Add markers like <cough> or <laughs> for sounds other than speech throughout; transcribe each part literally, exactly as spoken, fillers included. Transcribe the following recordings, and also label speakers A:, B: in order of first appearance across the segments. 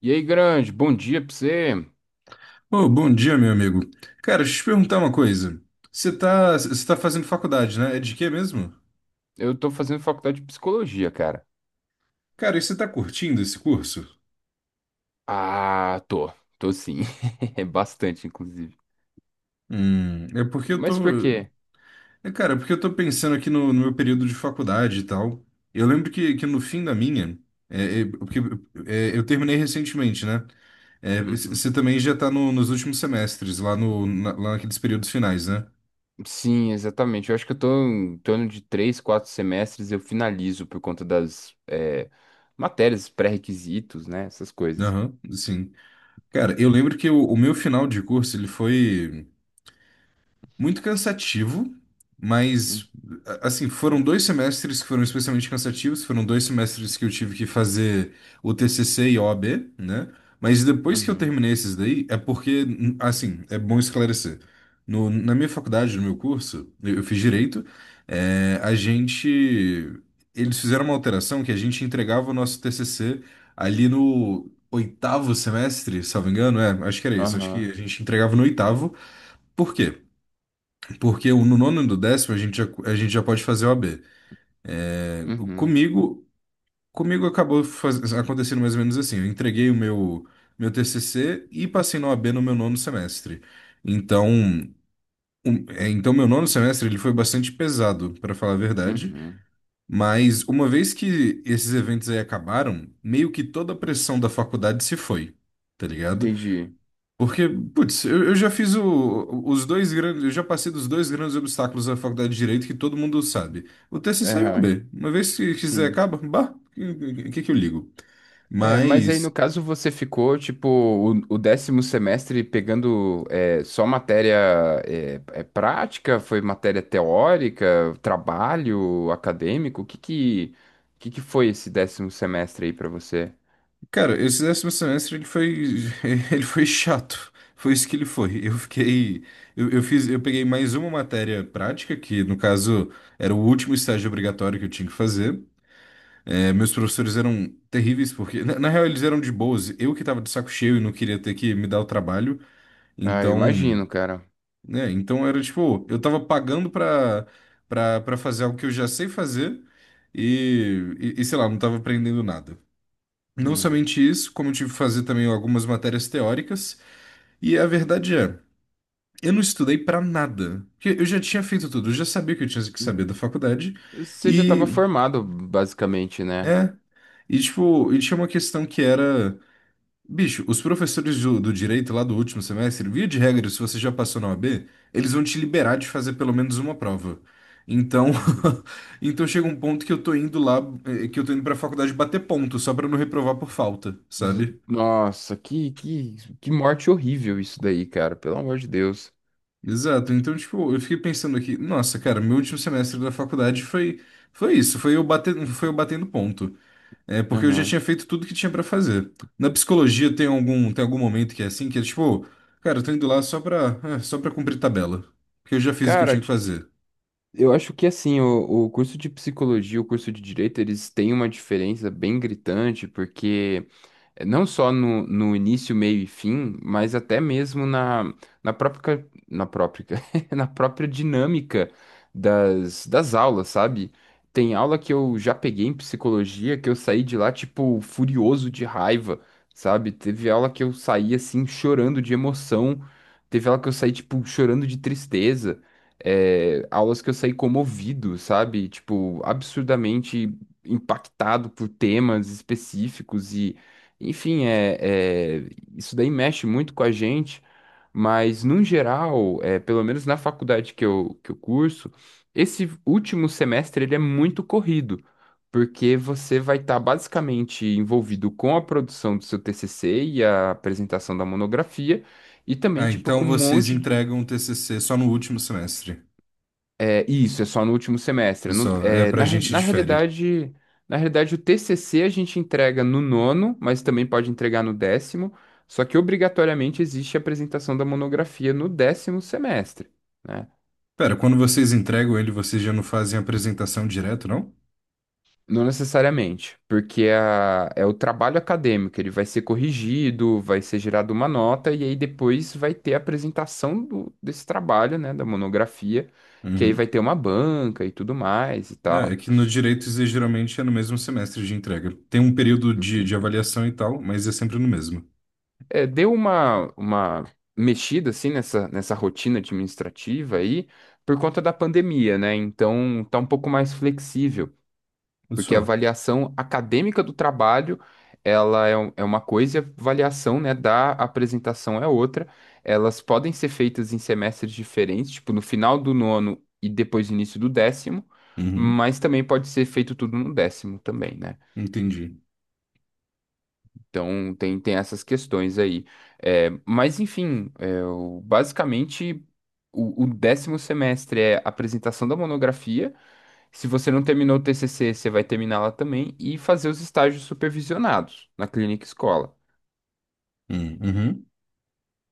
A: E aí, grande, bom dia pra você.
B: Ô, bom dia, meu amigo. Cara, deixa eu te perguntar uma coisa. Você tá, você tá fazendo faculdade, né? É de quê mesmo?
A: Eu tô fazendo faculdade de psicologia, cara.
B: Cara, e você tá curtindo esse curso?
A: Ah, tô. Tô sim. <laughs> É bastante, inclusive.
B: Hum, é porque eu tô.
A: Mas por quê?
B: É, cara, é porque eu tô pensando aqui no, no meu período de faculdade e tal. Eu lembro que, que no fim da minha, é, é, porque é, eu terminei recentemente, né? É, c-
A: Uhum.
B: você também já tá no- nos últimos semestres, lá, no, na- lá naqueles períodos finais, né?
A: Sim, exatamente. Eu acho que eu tô em torno de três, quatro semestres eu finalizo por conta das é, matérias, pré-requisitos, né? Essas coisas.
B: Aham, sim. Cara, eu lembro que o, o meu final de curso, ele foi muito cansativo, mas
A: Uhum,
B: a- assim, foram dois semestres que foram especialmente cansativos, foram dois semestres que eu tive que fazer o T C C e o OAB, né? Mas depois que eu
A: uhum,
B: terminei esses daí, é porque, assim, é bom esclarecer. No, na minha faculdade, no meu curso, eu eu fiz direito, é, a gente. Eles fizeram uma alteração que a gente entregava o nosso T C C ali no oitavo semestre, salvo engano, é, acho que era isso, acho que a
A: aham,
B: gente entregava no oitavo. Por quê? Porque o- no nono e no décimo a gente já, a gente já pode fazer O A B. O-
A: uhum,
B: Comigo, comigo acabou faz- acontecendo mais ou menos assim. Eu entreguei o meu, meu T C C e passei na O A B no meu nono semestre. Então, um- é, então meu nono semestre ele foi bastante pesado, para falar a verdade.
A: uhum.
B: Mas uma vez que esses eventos aí acabaram, meio que toda a pressão da faculdade se foi. Tá ligado?
A: Entendi.
B: Porque, putz, eu, eu já fiz o- os dois grandes, eu já passei dos dois grandes obstáculos da faculdade de Direito que todo mundo sabe. O T C C e o A
A: Aham,
B: B Uma vez que quiser
A: sim.
B: acaba, bah, o que que eu ligo?
A: É, mas aí no
B: Mas,
A: caso você ficou, tipo, o, o décimo semestre pegando é, só matéria é, é prática? Foi matéria teórica, trabalho acadêmico? O que que, o que que foi esse décimo semestre aí pra você?
B: cara, esse décimo semestre ele foi, <laughs> ele foi chato. Foi isso que ele foi. Eu fiquei, eu, eu fiz, eu peguei mais uma matéria prática, que no caso era o último estágio obrigatório que eu tinha que fazer. É, meus professores eram terríveis, porque, na, na real, eles eram de boas. Eu que tava de saco cheio e não queria ter que me dar o trabalho.
A: Ah, eu
B: Então,
A: imagino, cara.
B: né? Então era tipo, eu tava pagando pra, pra, pra fazer algo que eu já sei fazer e, e, e, sei lá, não tava aprendendo nada. Não
A: Hum.
B: somente isso, como eu tive que fazer também algumas matérias teóricas. E a verdade é, eu não estudei pra nada. Porque eu já tinha feito tudo, eu já sabia o que eu tinha que saber
A: Uhum.
B: da faculdade.
A: Você já
B: E,
A: estava formado, basicamente, né?
B: é. E, tipo, e tinha uma questão que era. Bicho, os professores do, do direito lá do último semestre, via de regra, se você já passou na O A B, eles vão te liberar de fazer pelo menos uma prova. Então,
A: Uhum.
B: <laughs> então chega um ponto que eu tô indo lá, eh, que eu tô indo pra faculdade bater ponto, só pra não reprovar por falta,
A: Z-
B: sabe?
A: Nossa, que, que, que morte horrível isso daí, cara. Pelo amor de Deus.
B: Exato. Então, tipo, eu fiquei pensando aqui, nossa, cara, meu último semestre da faculdade foi foi isso, foi eu bater, foi eu batendo ponto. É porque eu já
A: Aham.
B: tinha feito tudo que tinha pra fazer. Na psicologia tem algum tem algum momento que é assim, que é tipo, cara, eu tô indo lá só pra é, só para cumprir tabela, porque eu já fiz o que eu
A: Cara,
B: tinha que fazer.
A: eu acho que assim, o, o curso de psicologia e o curso de direito, eles têm uma diferença bem gritante, porque eh, não só no, no início, meio e fim, mas até mesmo na, na própria, na própria, <laughs> na própria dinâmica das, das aulas, sabe? Tem aula que eu já peguei em psicologia que eu saí de lá, tipo, furioso de raiva, sabe? Teve aula que eu saí, assim, chorando de emoção. Teve aula que eu saí, tipo, chorando de tristeza. É, aulas que eu saí comovido, sabe? Tipo, absurdamente impactado por temas específicos enfim, é, é- isso daí mexe muito com a gente, mas no geral, é, pelo menos na faculdade que eu, que eu curso, esse último semestre ele é muito corrido, porque você vai estar basicamente envolvido com a produção do seu T C C e a apresentação da monografia, e também
B: Ah,
A: tipo
B: então
A: com um
B: vocês
A: monte
B: entregam o T C C só no último semestre.
A: é, isso, é só no último semestre. Não-
B: Só, é
A: é,
B: pra
A: na, re-
B: gente
A: na
B: de.
A: realidade, na realidade, o T C C a gente entrega no nono, mas também pode entregar no décimo, só que obrigatoriamente existe a apresentação da monografia no décimo semestre, né?
B: Pera, quando vocês entregam ele, vocês já não fazem apresentação direto, não?
A: Não necessariamente, porque é a- é o trabalho acadêmico, ele vai ser corrigido, vai ser gerada uma nota, e aí depois vai ter a apresentação do- desse trabalho, né, da monografia, que aí
B: Uhum.
A: vai ter uma banca e tudo mais e
B: É, é
A: tal.
B: que no direito isso aí geralmente é no mesmo semestre de entrega. Tem um período de, de
A: Entendi.
B: avaliação e tal, mas é sempre no mesmo.
A: É, deu uma, uma mexida assim nessa, nessa rotina administrativa aí por conta da pandemia, né? Então tá um pouco mais flexível, porque a
B: Só.
A: avaliação acadêmica do trabalho ela é, um- é uma coisa e a avaliação, né, da apresentação é outra. Elas podem ser feitas em semestres diferentes, tipo no final do nono e depois início do décimo,
B: Uhum.
A: mas também pode ser feito tudo no décimo também, né?
B: Entendi.
A: Então tem, tem essas questões aí. É, mas enfim, é, o- basicamente o, o décimo semestre é apresentação da monografia. Se você não terminou o T C C, você vai terminá-la também e fazer os estágios supervisionados na clínica escola.
B: Hum, Uhum.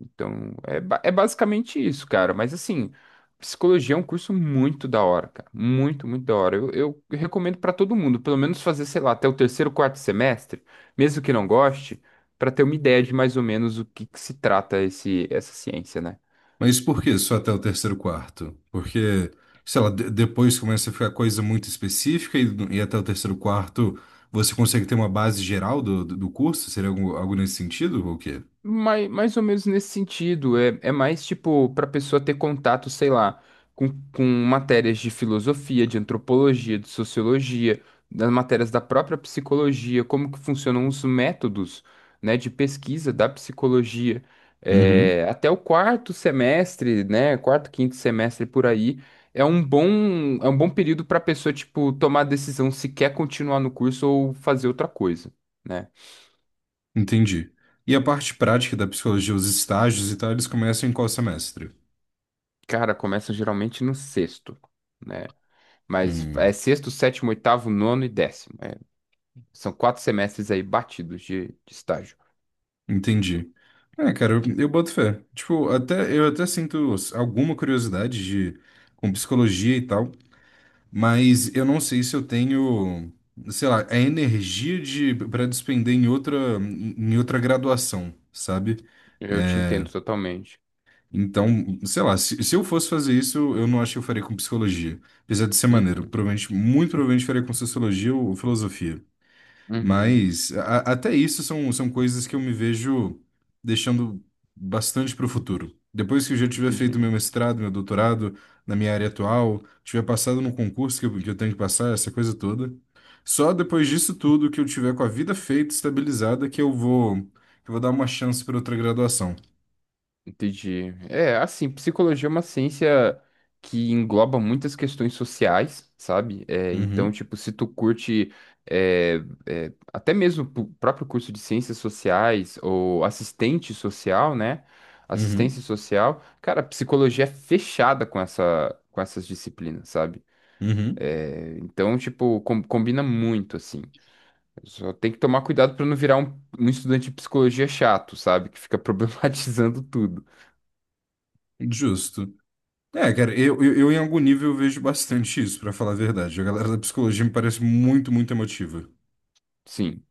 A: Então, é, ba- é basicamente isso, cara. Mas assim, psicologia é um curso muito da hora, cara. Muito, muito da hora. Eu, eu recomendo pra todo mundo, pelo menos fazer, sei lá, até o terceiro, quarto semestre, mesmo que não goste, pra ter uma ideia de mais ou menos o que, que se trata esse, essa ciência, né?
B: Mas por que só até o terceiro quarto? Porque, sei lá, de- depois começa a ficar coisa muito específica e, e até o terceiro quarto você consegue ter uma base geral do, do do curso? Seria algo, algo nesse sentido ou o quê?
A: Mais, mais ou menos nesse sentido. É, é mais tipo para pessoa ter contato, sei lá, com, com matérias de filosofia, de antropologia, de sociologia, das matérias da própria psicologia, como que funcionam os métodos, né, de pesquisa da psicologia.
B: Uhum.
A: É, até o quarto semestre, né, quarto, quinto semestre por aí, é um bom, é um bom período para pessoa, tipo, tomar a decisão se quer continuar no curso ou fazer outra coisa. Né?
B: Entendi. E a parte prática da psicologia, os estágios e tal, eles começam em qual semestre?
A: Cara, começa geralmente no sexto, né? Mas é
B: Hum,
A: sexto, sétimo, oitavo, nono e décimo. É, são quatro semestres aí batidos de, de estágio.
B: entendi. É, cara, eu, eu boto fé. Tipo, até, eu até sinto alguma curiosidade de, com psicologia e tal. Mas eu não sei se eu tenho, sei lá, a energia de para despender em outra em outra graduação, sabe?
A: Eu te
B: É,
A: entendo totalmente.
B: Então, sei lá, se, se eu fosse fazer isso, eu não acho que eu faria com psicologia. Apesar de ser maneiro.
A: Uhum,
B: Provavelmente, muito provavelmente faria com sociologia ou filosofia.
A: uhum,
B: Mas a- até isso são, são coisas que eu me vejo deixando bastante para o futuro. Depois que eu já tiver
A: entendi.
B: feito meu mestrado, meu doutorado na minha área atual, tiver passado no concurso que eu, que eu tenho que passar, essa coisa toda. Só depois disso tudo que eu tiver com a vida feita, estabilizada, que eu vou, que eu vou dar uma chance para outra graduação.
A: Entendi. É, assim, psicologia é uma ciência que engloba muitas questões sociais, sabe? É, então,
B: Uhum,
A: tipo, se tu curte é, é, até mesmo o próprio curso de ciências sociais ou assistente social, né?
B: uhum,
A: Assistência social, cara, a psicologia é fechada com essa, com essas disciplinas, sabe?
B: uhum.
A: É, então, tipo, com- combina muito, assim. Só tem que tomar cuidado pra não virar um, um estudante de psicologia chato, sabe? Que fica <laughs> problematizando tudo.
B: Justo. É, cara, eu, eu, eu em algum nível eu vejo bastante isso, para falar a verdade. A galera da psicologia me parece muito, muito emotiva.
A: Sim.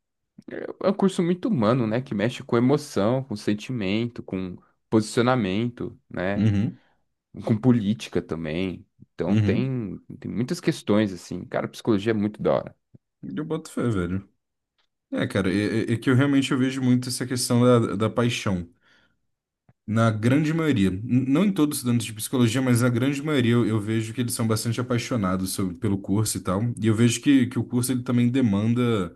A: É um curso muito humano, né? Que mexe com emoção, com sentimento, com posicionamento, né?
B: Uhum,
A: Com política também. Então
B: uhum.
A: tem, tem muitas questões, assim. Cara, psicologia é muito da hora.
B: Eu boto fé, velho. É, cara, é, é- é que eu realmente eu vejo muito essa questão da, da paixão. Na grande maioria, n- não em todos os estudantes de psicologia, mas na grande maioria eu, eu vejo que eles são bastante apaixonados sobre- pelo curso e tal. E eu vejo que, que o curso ele também demanda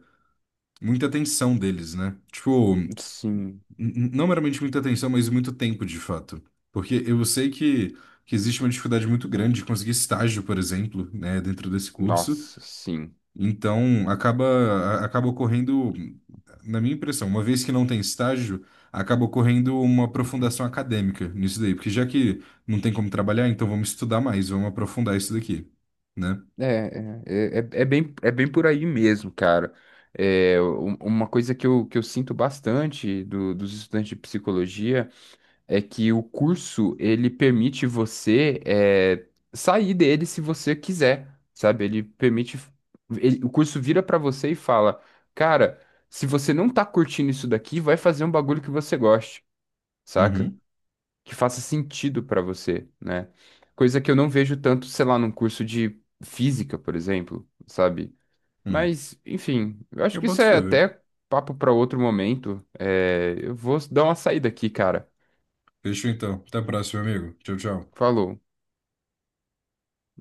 B: muita atenção deles, né? Tipo, n-
A: Sim,
B: n- não meramente muita atenção, mas muito tempo de fato. Porque eu sei que, que existe uma dificuldade muito grande de conseguir estágio, por exemplo, né, dentro desse curso.
A: nossa, sim.
B: Então, acaba, acaba ocorrendo, na minha impressão, uma vez que não tem estágio, acaba ocorrendo uma aprofundação acadêmica nisso daí, porque já que não tem como trabalhar, então vamos estudar mais, vamos aprofundar isso daqui, né?
A: É, é, é, é é bem, é bem por aí mesmo, cara. É, um- uma coisa que eu, que eu sinto bastante do, dos estudantes de psicologia. É que o curso ele permite você é, sair dele se você quiser, sabe? Ele permite, ele- o curso vira pra você e fala, cara, se você não tá curtindo isso daqui, vai fazer um bagulho que você goste, saca?
B: Uhum,
A: Que faça sentido pra você, né? Coisa que eu não vejo tanto, sei lá, num curso de física, por exemplo, sabe?
B: hum.
A: Mas, enfim, eu acho
B: Eu
A: que isso
B: boto fé,
A: é
B: velho.
A: até papo pra outro momento. É, eu vou dar uma saída aqui, cara.
B: Fechou então. Até a próxima, amigo. Tchau, tchau.
A: Falou.